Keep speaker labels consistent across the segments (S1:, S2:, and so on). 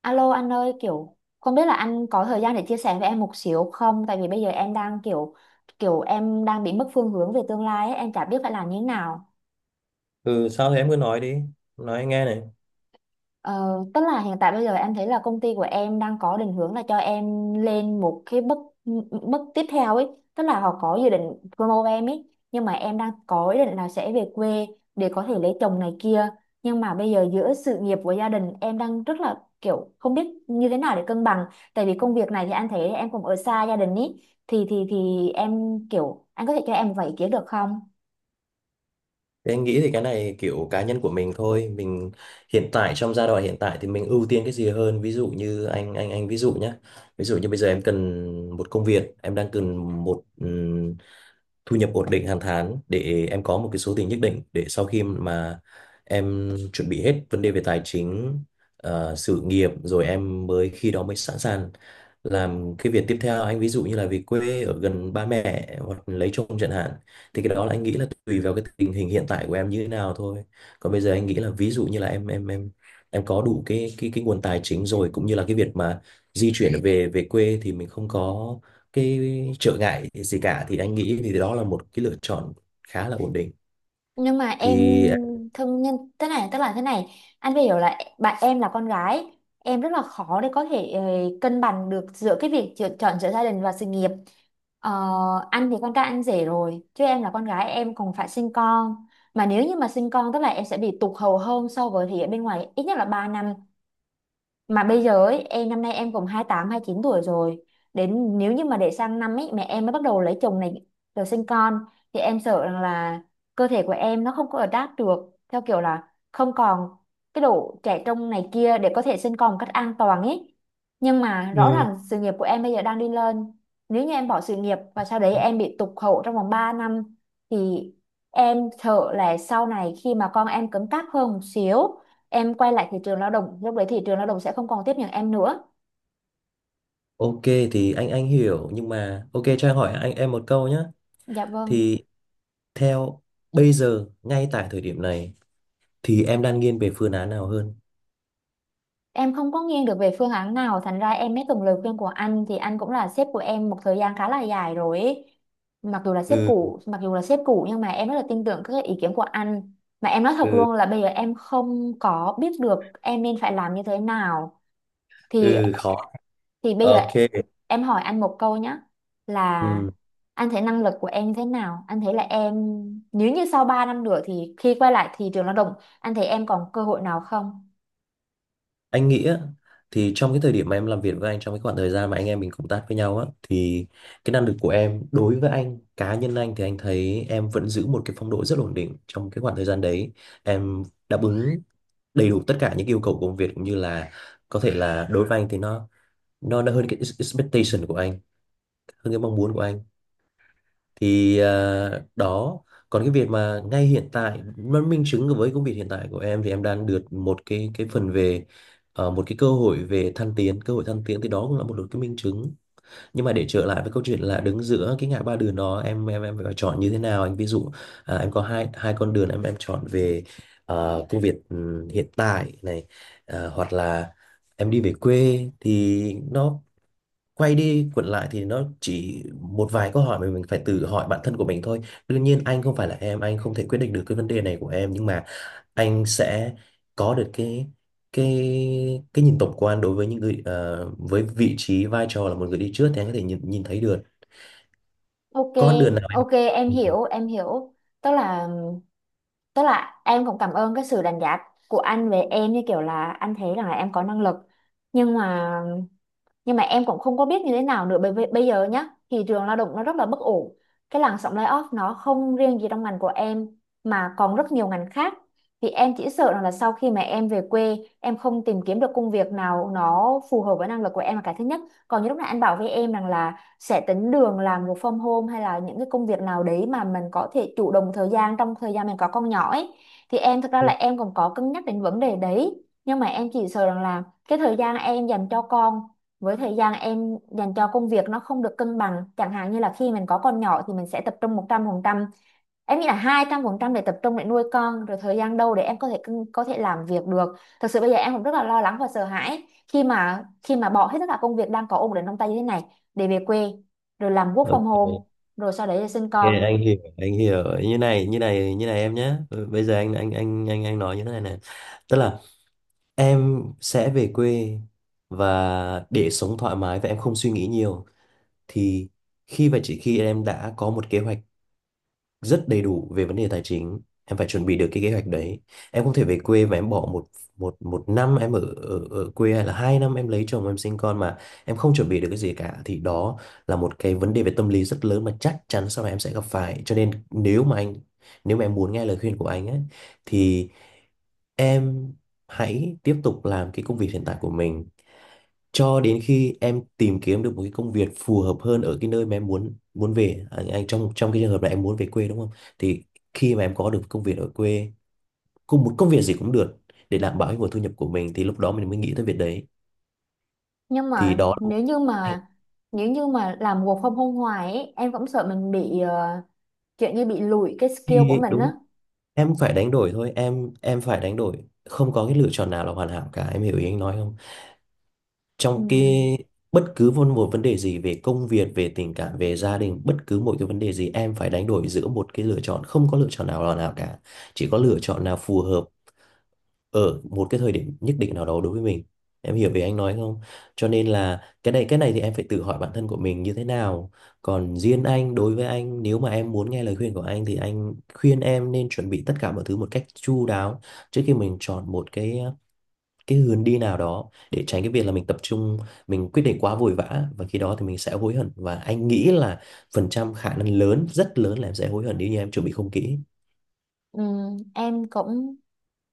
S1: Alo anh ơi, kiểu không biết là anh có thời gian để chia sẻ với em một xíu không? Tại vì bây giờ em đang kiểu kiểu em đang bị mất phương hướng về tương lai ấy, em chả biết phải làm như thế nào.
S2: Ừ, sao thế em cứ nói đi, nói anh nghe này.
S1: Ờ, Tức là hiện tại bây giờ em thấy là công ty của em đang có định hướng là cho em lên một cái bước bước tiếp theo ấy, tức là họ có dự định promote em ấy, nhưng mà em đang có ý định là sẽ về quê để có thể lấy chồng này kia, nhưng mà bây giờ giữa sự nghiệp của gia đình em đang rất là kiểu không biết như thế nào để cân bằng, tại vì công việc này thì anh thấy em cũng ở xa gia đình ý, thì em kiểu anh có thể cho em một vài ý kiến được không?
S2: Thì anh nghĩ thì cái này kiểu cá nhân của mình thôi. Mình hiện tại trong giai đoạn hiện tại thì mình ưu tiên cái gì hơn. Ví dụ như anh ví dụ nhé. Ví dụ như bây giờ em cần một công việc, em đang cần một thu nhập ổn định hàng tháng để em có một cái số tiền nhất định để sau khi mà em chuẩn bị hết vấn đề về tài chính, sự nghiệp rồi em mới khi đó mới sẵn sàng làm cái việc tiếp theo. Anh ví dụ như là về quê ở gần ba mẹ hoặc lấy chồng chẳng hạn, thì cái đó là anh nghĩ là tùy vào cái tình hình hiện tại của em như thế nào thôi. Còn bây giờ anh nghĩ là ví dụ như là em em có đủ cái cái nguồn tài chính rồi, cũng như là cái việc mà di chuyển về về quê thì mình không có cái trở ngại gì cả, thì anh nghĩ thì đó là một cái lựa chọn khá là ổn định
S1: Nhưng mà em
S2: thì.
S1: thương nhân thế này, tức là thế này, anh phải hiểu là bạn em là con gái, em rất là khó để có thể cân bằng được giữa cái việc chọn chọn giữa gia đình và sự nghiệp. ờ, anh thì con trai anh rể rồi, chứ em là con gái em còn phải sinh con, mà nếu như mà sinh con tức là em sẽ bị tụt hậu hơn so với thì ở bên ngoài ít nhất là 3 năm. Mà bây giờ ấy, em năm nay em cũng 28 29 tuổi rồi, đến nếu như mà để sang năm ấy mẹ em mới bắt đầu lấy chồng này rồi sinh con, thì em sợ rằng là cơ thể của em nó không có adapt được theo kiểu là không còn cái độ trẻ trung này kia để có thể sinh con một cách an toàn ấy. Nhưng mà rõ
S2: Ừ.
S1: ràng sự nghiệp của em bây giờ đang đi lên, nếu như em bỏ sự nghiệp và sau đấy em bị tụt hậu trong vòng 3 năm thì em sợ là sau này khi mà con em cứng cáp hơn một xíu, em quay lại thị trường lao động, lúc đấy thị trường lao động sẽ không còn tiếp nhận em nữa.
S2: Ok, thì anh hiểu nhưng mà ok cho anh hỏi anh em một câu nhé.
S1: Dạ vâng,
S2: Thì theo bây giờ ngay tại thời điểm này thì em đang nghiêng về phương án nào hơn?
S1: em không có nghiêng được về phương án nào, thành ra em mới cần lời khuyên của anh, thì anh cũng là sếp của em một thời gian khá là dài rồi ấy. Mặc dù là sếp
S2: Ừ.
S1: cũ mặc dù là sếp cũ nhưng mà em rất là tin tưởng các ý kiến của anh, mà em nói thật
S2: Ừ.
S1: luôn là bây giờ em không có biết được em nên phải làm như thế nào. thì
S2: Ừ, khó.
S1: Thì bây giờ
S2: Ok.
S1: em hỏi anh một câu nhé, là
S2: Ừ.
S1: anh thấy năng lực của em thế nào? Anh thấy là em, nếu như sau 3 năm nữa thì khi quay lại thị trường lao động, anh thấy em còn cơ hội nào không?
S2: Anh nghĩ á, thì trong cái thời điểm mà em làm việc với anh, trong cái khoảng thời gian mà anh em mình cộng tác với nhau á, thì cái năng lực của em đối với anh, cá nhân anh thì anh thấy em vẫn giữ một cái phong độ rất ổn định trong cái khoảng thời gian đấy. Em đáp ứng đầy đủ tất cả những yêu cầu của công việc, cũng như là có thể là đối với anh thì nó nó hơn cái expectation của anh, hơn cái mong muốn của anh. Thì à, đó. Còn cái việc mà ngay hiện tại mà minh chứng với công việc hiện tại của em thì em đang được một cái phần về, một cái cơ hội về thăng tiến, cơ hội thăng tiến, thì đó cũng là một cái minh chứng. Nhưng mà để trở lại với câu chuyện là đứng giữa cái ngã ba đường đó, em phải chọn như thế nào. Anh ví dụ, à, em có hai hai con đường, em chọn về, công việc hiện tại này, hoặc là em đi về quê, thì nó quay đi quẩn lại thì nó chỉ một vài câu hỏi mà mình phải tự hỏi bản thân của mình thôi. Đương nhiên anh không phải là em, anh không thể quyết định được cái vấn đề này của em, nhưng mà anh sẽ có được cái cái nhìn tổng quan đối với những người, với vị trí vai trò là một người đi trước thì anh có thể nhìn nhìn thấy được
S1: Ok,
S2: con đường nào.
S1: ok, em hiểu, em hiểu. Tức là tức là em cũng cảm ơn cái sự đánh giá của anh về em, như kiểu là anh thấy rằng là em có năng lực. Nhưng mà nhưng mà em cũng không có biết như thế nào nữa, bởi vì bây giờ nhá, thị trường lao động nó rất là bất ổn, cái làn sóng layoff nó không riêng gì trong ngành của em mà còn rất nhiều ngành khác, thì em chỉ sợ rằng là sau khi mà em về quê em không tìm kiếm được công việc nào nó phù hợp với năng lực của em là cái thứ nhất. Còn như lúc nãy anh bảo với em rằng là sẽ tính đường làm một from home hay là những cái công việc nào đấy mà mình có thể chủ động thời gian trong thời gian mình có con nhỏ ấy, thì em thực ra là em còn có cân nhắc đến vấn đề đấy, nhưng mà em chỉ sợ rằng là cái thời gian em dành cho con với thời gian em dành cho công việc nó không được cân bằng, chẳng hạn như là khi mình có con nhỏ thì mình sẽ tập trung 100%, em nghĩ là 200% để tập trung để nuôi con, rồi thời gian đâu để em có thể cân- có thể làm việc được. Thực sự bây giờ em cũng rất là lo lắng và sợ hãi khi mà bỏ hết tất cả công việc đang có ổn định trong tay như thế này để về quê, rồi làm work from
S2: Ok,
S1: home, rồi sau đấy là sinh
S2: ok,
S1: con.
S2: anh hiểu, anh hiểu. Như này, như này, như này em nhé. Bây giờ anh nói như thế này này. Tức là em sẽ về quê và để sống thoải mái và em không suy nghĩ nhiều thì khi và chỉ khi em đã có một kế hoạch rất đầy đủ về vấn đề tài chính. Em phải chuẩn bị được cái kế hoạch đấy. Em không thể về quê và em bỏ một một một năm em ở, ở quê hay là hai năm em lấy chồng em sinh con mà em không chuẩn bị được cái gì cả, thì đó là một cái vấn đề về tâm lý rất lớn mà chắc chắn sau này em sẽ gặp phải. Cho nên nếu mà nếu mà em muốn nghe lời khuyên của anh ấy thì em hãy tiếp tục làm cái công việc hiện tại của mình cho đến khi em tìm kiếm được một cái công việc phù hợp hơn ở cái nơi mà em muốn muốn về. À, anh trong trong cái trường hợp này em muốn về quê đúng không, thì khi mà em có được công việc ở quê, cùng một công việc gì cũng được, để đảm bảo cái nguồn thu nhập của mình thì lúc đó mình mới nghĩ tới việc đấy.
S1: nhưng
S2: Thì
S1: mà
S2: đó là một
S1: nếu như
S2: cái,
S1: mà nếu như mà làm work from home hoài ấy, em cũng sợ mình bị kiểu như bị lùi cái skill của
S2: khi-
S1: mình
S2: đúng,
S1: á.
S2: em phải đánh đổi thôi, em phải đánh đổi. Không có cái lựa chọn nào là hoàn hảo cả. Em hiểu ý anh nói không?
S1: Ừ.
S2: Trong cái bất cứ một, một vấn đề gì về công việc, về tình cảm, về gia đình, bất cứ một cái vấn đề gì em phải đánh đổi giữa một cái lựa chọn, không có lựa chọn nào là nào cả, chỉ có lựa chọn nào phù hợp ở một cái thời điểm nhất định nào đó đối với mình. Em hiểu về anh nói không? Cho nên là cái này thì em phải tự hỏi bản thân của mình như thế nào. Còn riêng anh, đối với anh, nếu mà em muốn nghe lời khuyên của anh thì anh khuyên em nên chuẩn bị tất cả mọi thứ một cách chu đáo trước khi mình chọn một cái hướng đi nào đó, để tránh cái việc là mình tập trung mình quyết định quá vội vã và khi đó thì mình sẽ hối hận. Và anh nghĩ là phần trăm khả năng lớn, rất lớn là em sẽ hối hận nếu như em chuẩn bị không kỹ.
S1: Ừ, em cũng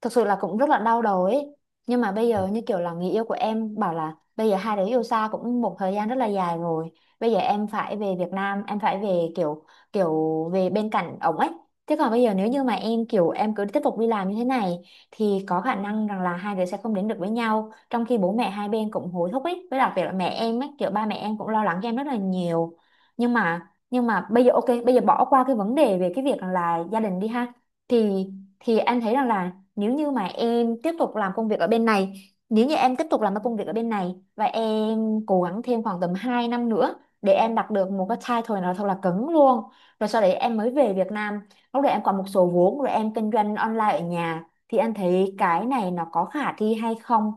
S1: thực sự là cũng rất là đau đầu ấy, nhưng mà bây giờ như kiểu là người yêu của em bảo là bây giờ hai đứa yêu xa cũng một thời gian rất là dài rồi, bây giờ em phải về Việt Nam, em phải về kiểu kiểu về bên cạnh ổng ấy. Thế còn bây giờ nếu như mà em kiểu em cứ tiếp tục đi làm như thế này thì có khả năng rằng là hai đứa sẽ không đến được với nhau, trong khi bố mẹ hai bên cũng hối thúc ấy, với đặc biệt là mẹ em ấy, kiểu ba mẹ em cũng lo lắng cho em rất là nhiều. Nhưng mà bây giờ ok, bây giờ bỏ qua cái vấn đề về cái việc là gia đình đi ha, thì thì em thấy rằng là nếu như mà em tiếp tục làm công việc ở bên này, nếu như em tiếp tục làm cái công việc ở bên này và em cố gắng thêm khoảng tầm 2 năm nữa để em đạt được một cái title nào thật là cứng luôn, rồi sau đấy em mới về Việt Nam, lúc đấy em còn một số vốn rồi em kinh doanh online ở nhà, thì anh thấy cái này nó có khả thi hay không?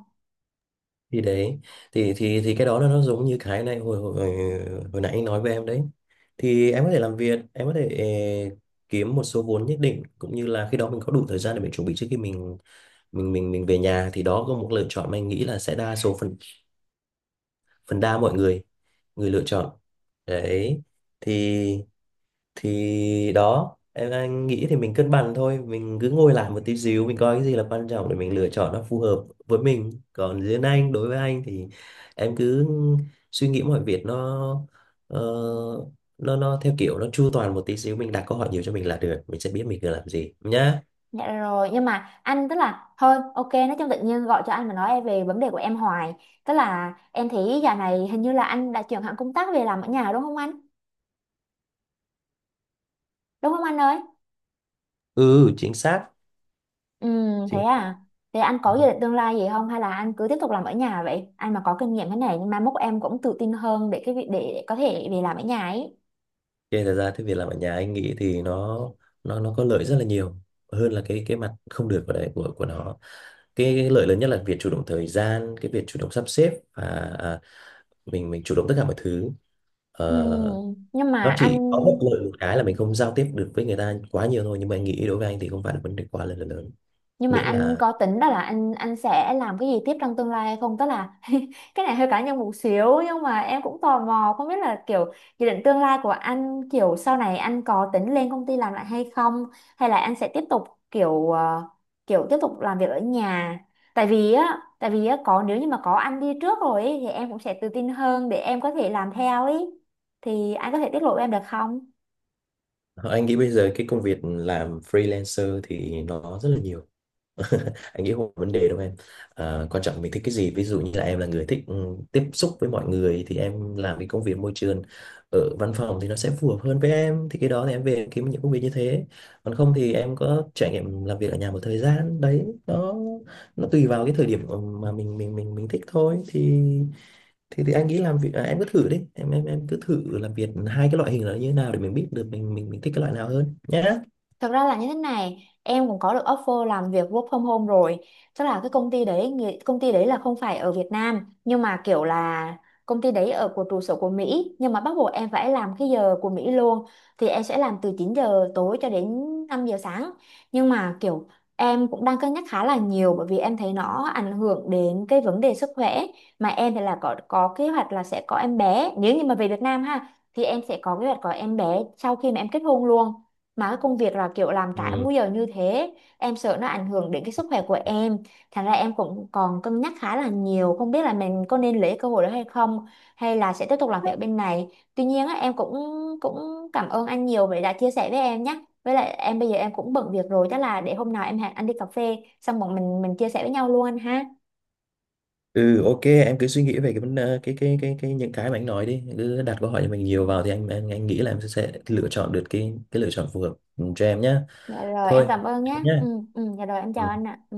S2: Thì đấy, thì cái đó là nó giống như cái này hồi hồi hồi nãy anh nói với em đấy. Thì em có thể làm việc, em có thể kiếm một số vốn nhất định, cũng như là khi đó mình có đủ thời gian để mình chuẩn bị trước khi mình về nhà. Thì đó có một lựa chọn mà anh nghĩ là sẽ đa số phần, phần đa mọi người người lựa chọn đấy. thì thì đó em, anh nghĩ thì mình cân bằng thôi, mình cứ ngồi lại một tí xíu mình coi cái gì là quan trọng để mình lựa chọn nó phù hợp với mình. Còn riêng anh đối với anh thì em cứ suy nghĩ mọi việc nó, ờ, nó theo kiểu nó chu toàn một tí xíu, mình đặt câu hỏi nhiều cho mình là được, mình sẽ biết mình cần làm gì nhá.
S1: Dạ rồi, nhưng mà anh tức là thôi ok, nói chung tự nhiên gọi cho anh mà nói về vấn đề của em hoài, tức là em thấy giờ này hình như là anh đã chuyển hẳn công tác về làm ở nhà đúng không anh, đúng không anh ơi?
S2: Ừ, chính xác,
S1: Ừ, thế
S2: chính xác.
S1: à? Thế anh có dự định tương lai gì không, hay là anh cứ tiếp tục làm ở nhà vậy? Anh mà có kinh nghiệm cái này nhưng mai mốt em cũng tự tin hơn để cái việc để có thể về làm ở nhà ấy.
S2: Thế thật ra cái việc làm ở nhà anh nghĩ thì nó có lợi rất là nhiều hơn là cái mặt không được của đấy của nó. Cái lợi lớn nhất là việc chủ động thời gian, cái việc chủ động sắp xếp và, à, mình chủ động tất cả mọi thứ.
S1: Ừ,
S2: Ờ,
S1: nhưng mà
S2: nó
S1: anh
S2: chỉ có bất lợi một cái là mình không giao tiếp được với người ta quá nhiều thôi, nhưng mà anh nghĩ đối với anh thì không phải là vấn đề quá là lớn.
S1: nhưng mà
S2: Miễn
S1: anh
S2: là,
S1: có tính đó là anh sẽ làm cái gì tiếp trong tương lai hay không, tức là cái này hơi cá nhân một xíu nhưng mà em cũng tò mò không biết là kiểu dự định tương lai của anh, kiểu sau này anh có tính lên công ty làm lại hay không, hay là anh sẽ tiếp tục kiểu kiểu tiếp tục làm việc ở nhà. Tại vì á có, nếu như mà có anh đi trước rồi ấy, thì em cũng sẽ tự tin hơn để em có thể làm theo ấy, thì anh có thể tiết lộ em được không?
S2: anh nghĩ bây giờ cái công việc làm freelancer thì nó rất là nhiều. Anh nghĩ không có vấn đề đâu em. À, quan trọng mình thích cái gì. Ví dụ như là em là người thích tiếp xúc với mọi người thì em làm cái công việc môi trường ở văn phòng thì nó sẽ phù hợp hơn với em, thì cái đó thì em về em kiếm những công việc như thế. Còn không thì em có trải nghiệm làm việc ở nhà một thời gian đấy, nó tùy vào cái thời điểm mà mình thích thôi. Thì anh nghĩ làm việc, à, em cứ thử đi, em em cứ thử làm việc hai cái loại hình là như thế nào để mình biết được mình thích cái loại nào hơn nhé.
S1: Thật ra là như thế này, em cũng có được offer làm việc work from home rồi. Tức là cái công ty đấy, người- công ty đấy là không phải ở Việt Nam, nhưng mà kiểu là công ty đấy ở của trụ sở của Mỹ, nhưng mà bắt buộc em phải làm cái giờ của Mỹ luôn. Thì em sẽ làm từ 9 giờ tối cho đến 5 giờ sáng. Nhưng mà kiểu em cũng đang cân nhắc khá là nhiều, bởi vì em thấy nó ảnh hưởng đến cái vấn đề sức khỏe, mà em thì là có kế hoạch là sẽ có em bé, nếu như mà về Việt Nam ha thì em sẽ có kế hoạch có em bé sau khi mà em kết hôn luôn, mà cái công việc là kiểu làm trái
S2: Ừ.
S1: múi giờ như thế, em sợ nó ảnh hưởng đến cái sức khỏe của em, thành ra em cũng còn cân nhắc khá là nhiều không biết là mình có nên lấy cơ hội đó hay không, hay là sẽ tiếp tục làm việc bên này. Tuy nhiên á, em cũng cũng cảm ơn anh nhiều vì đã chia sẻ với em nhé, với lại em bây giờ em cũng bận việc rồi, chắc là để hôm nào em hẹn anh đi cà phê xong bọn mình chia sẻ với nhau luôn anh ha.
S2: Ừ, ok em cứ suy nghĩ về cái vấn, cái những cái mà anh nói đi, cứ đặt câu hỏi cho mình nhiều vào, thì anh nghĩ là em sẽ lựa chọn được cái lựa chọn phù hợp cho em nhá.
S1: Dạ rồi, em
S2: Thôi
S1: cảm ơn nhé.
S2: nhé.
S1: Ừ. Ừ. Dạ rồi, em chào anh ạ. Ừ.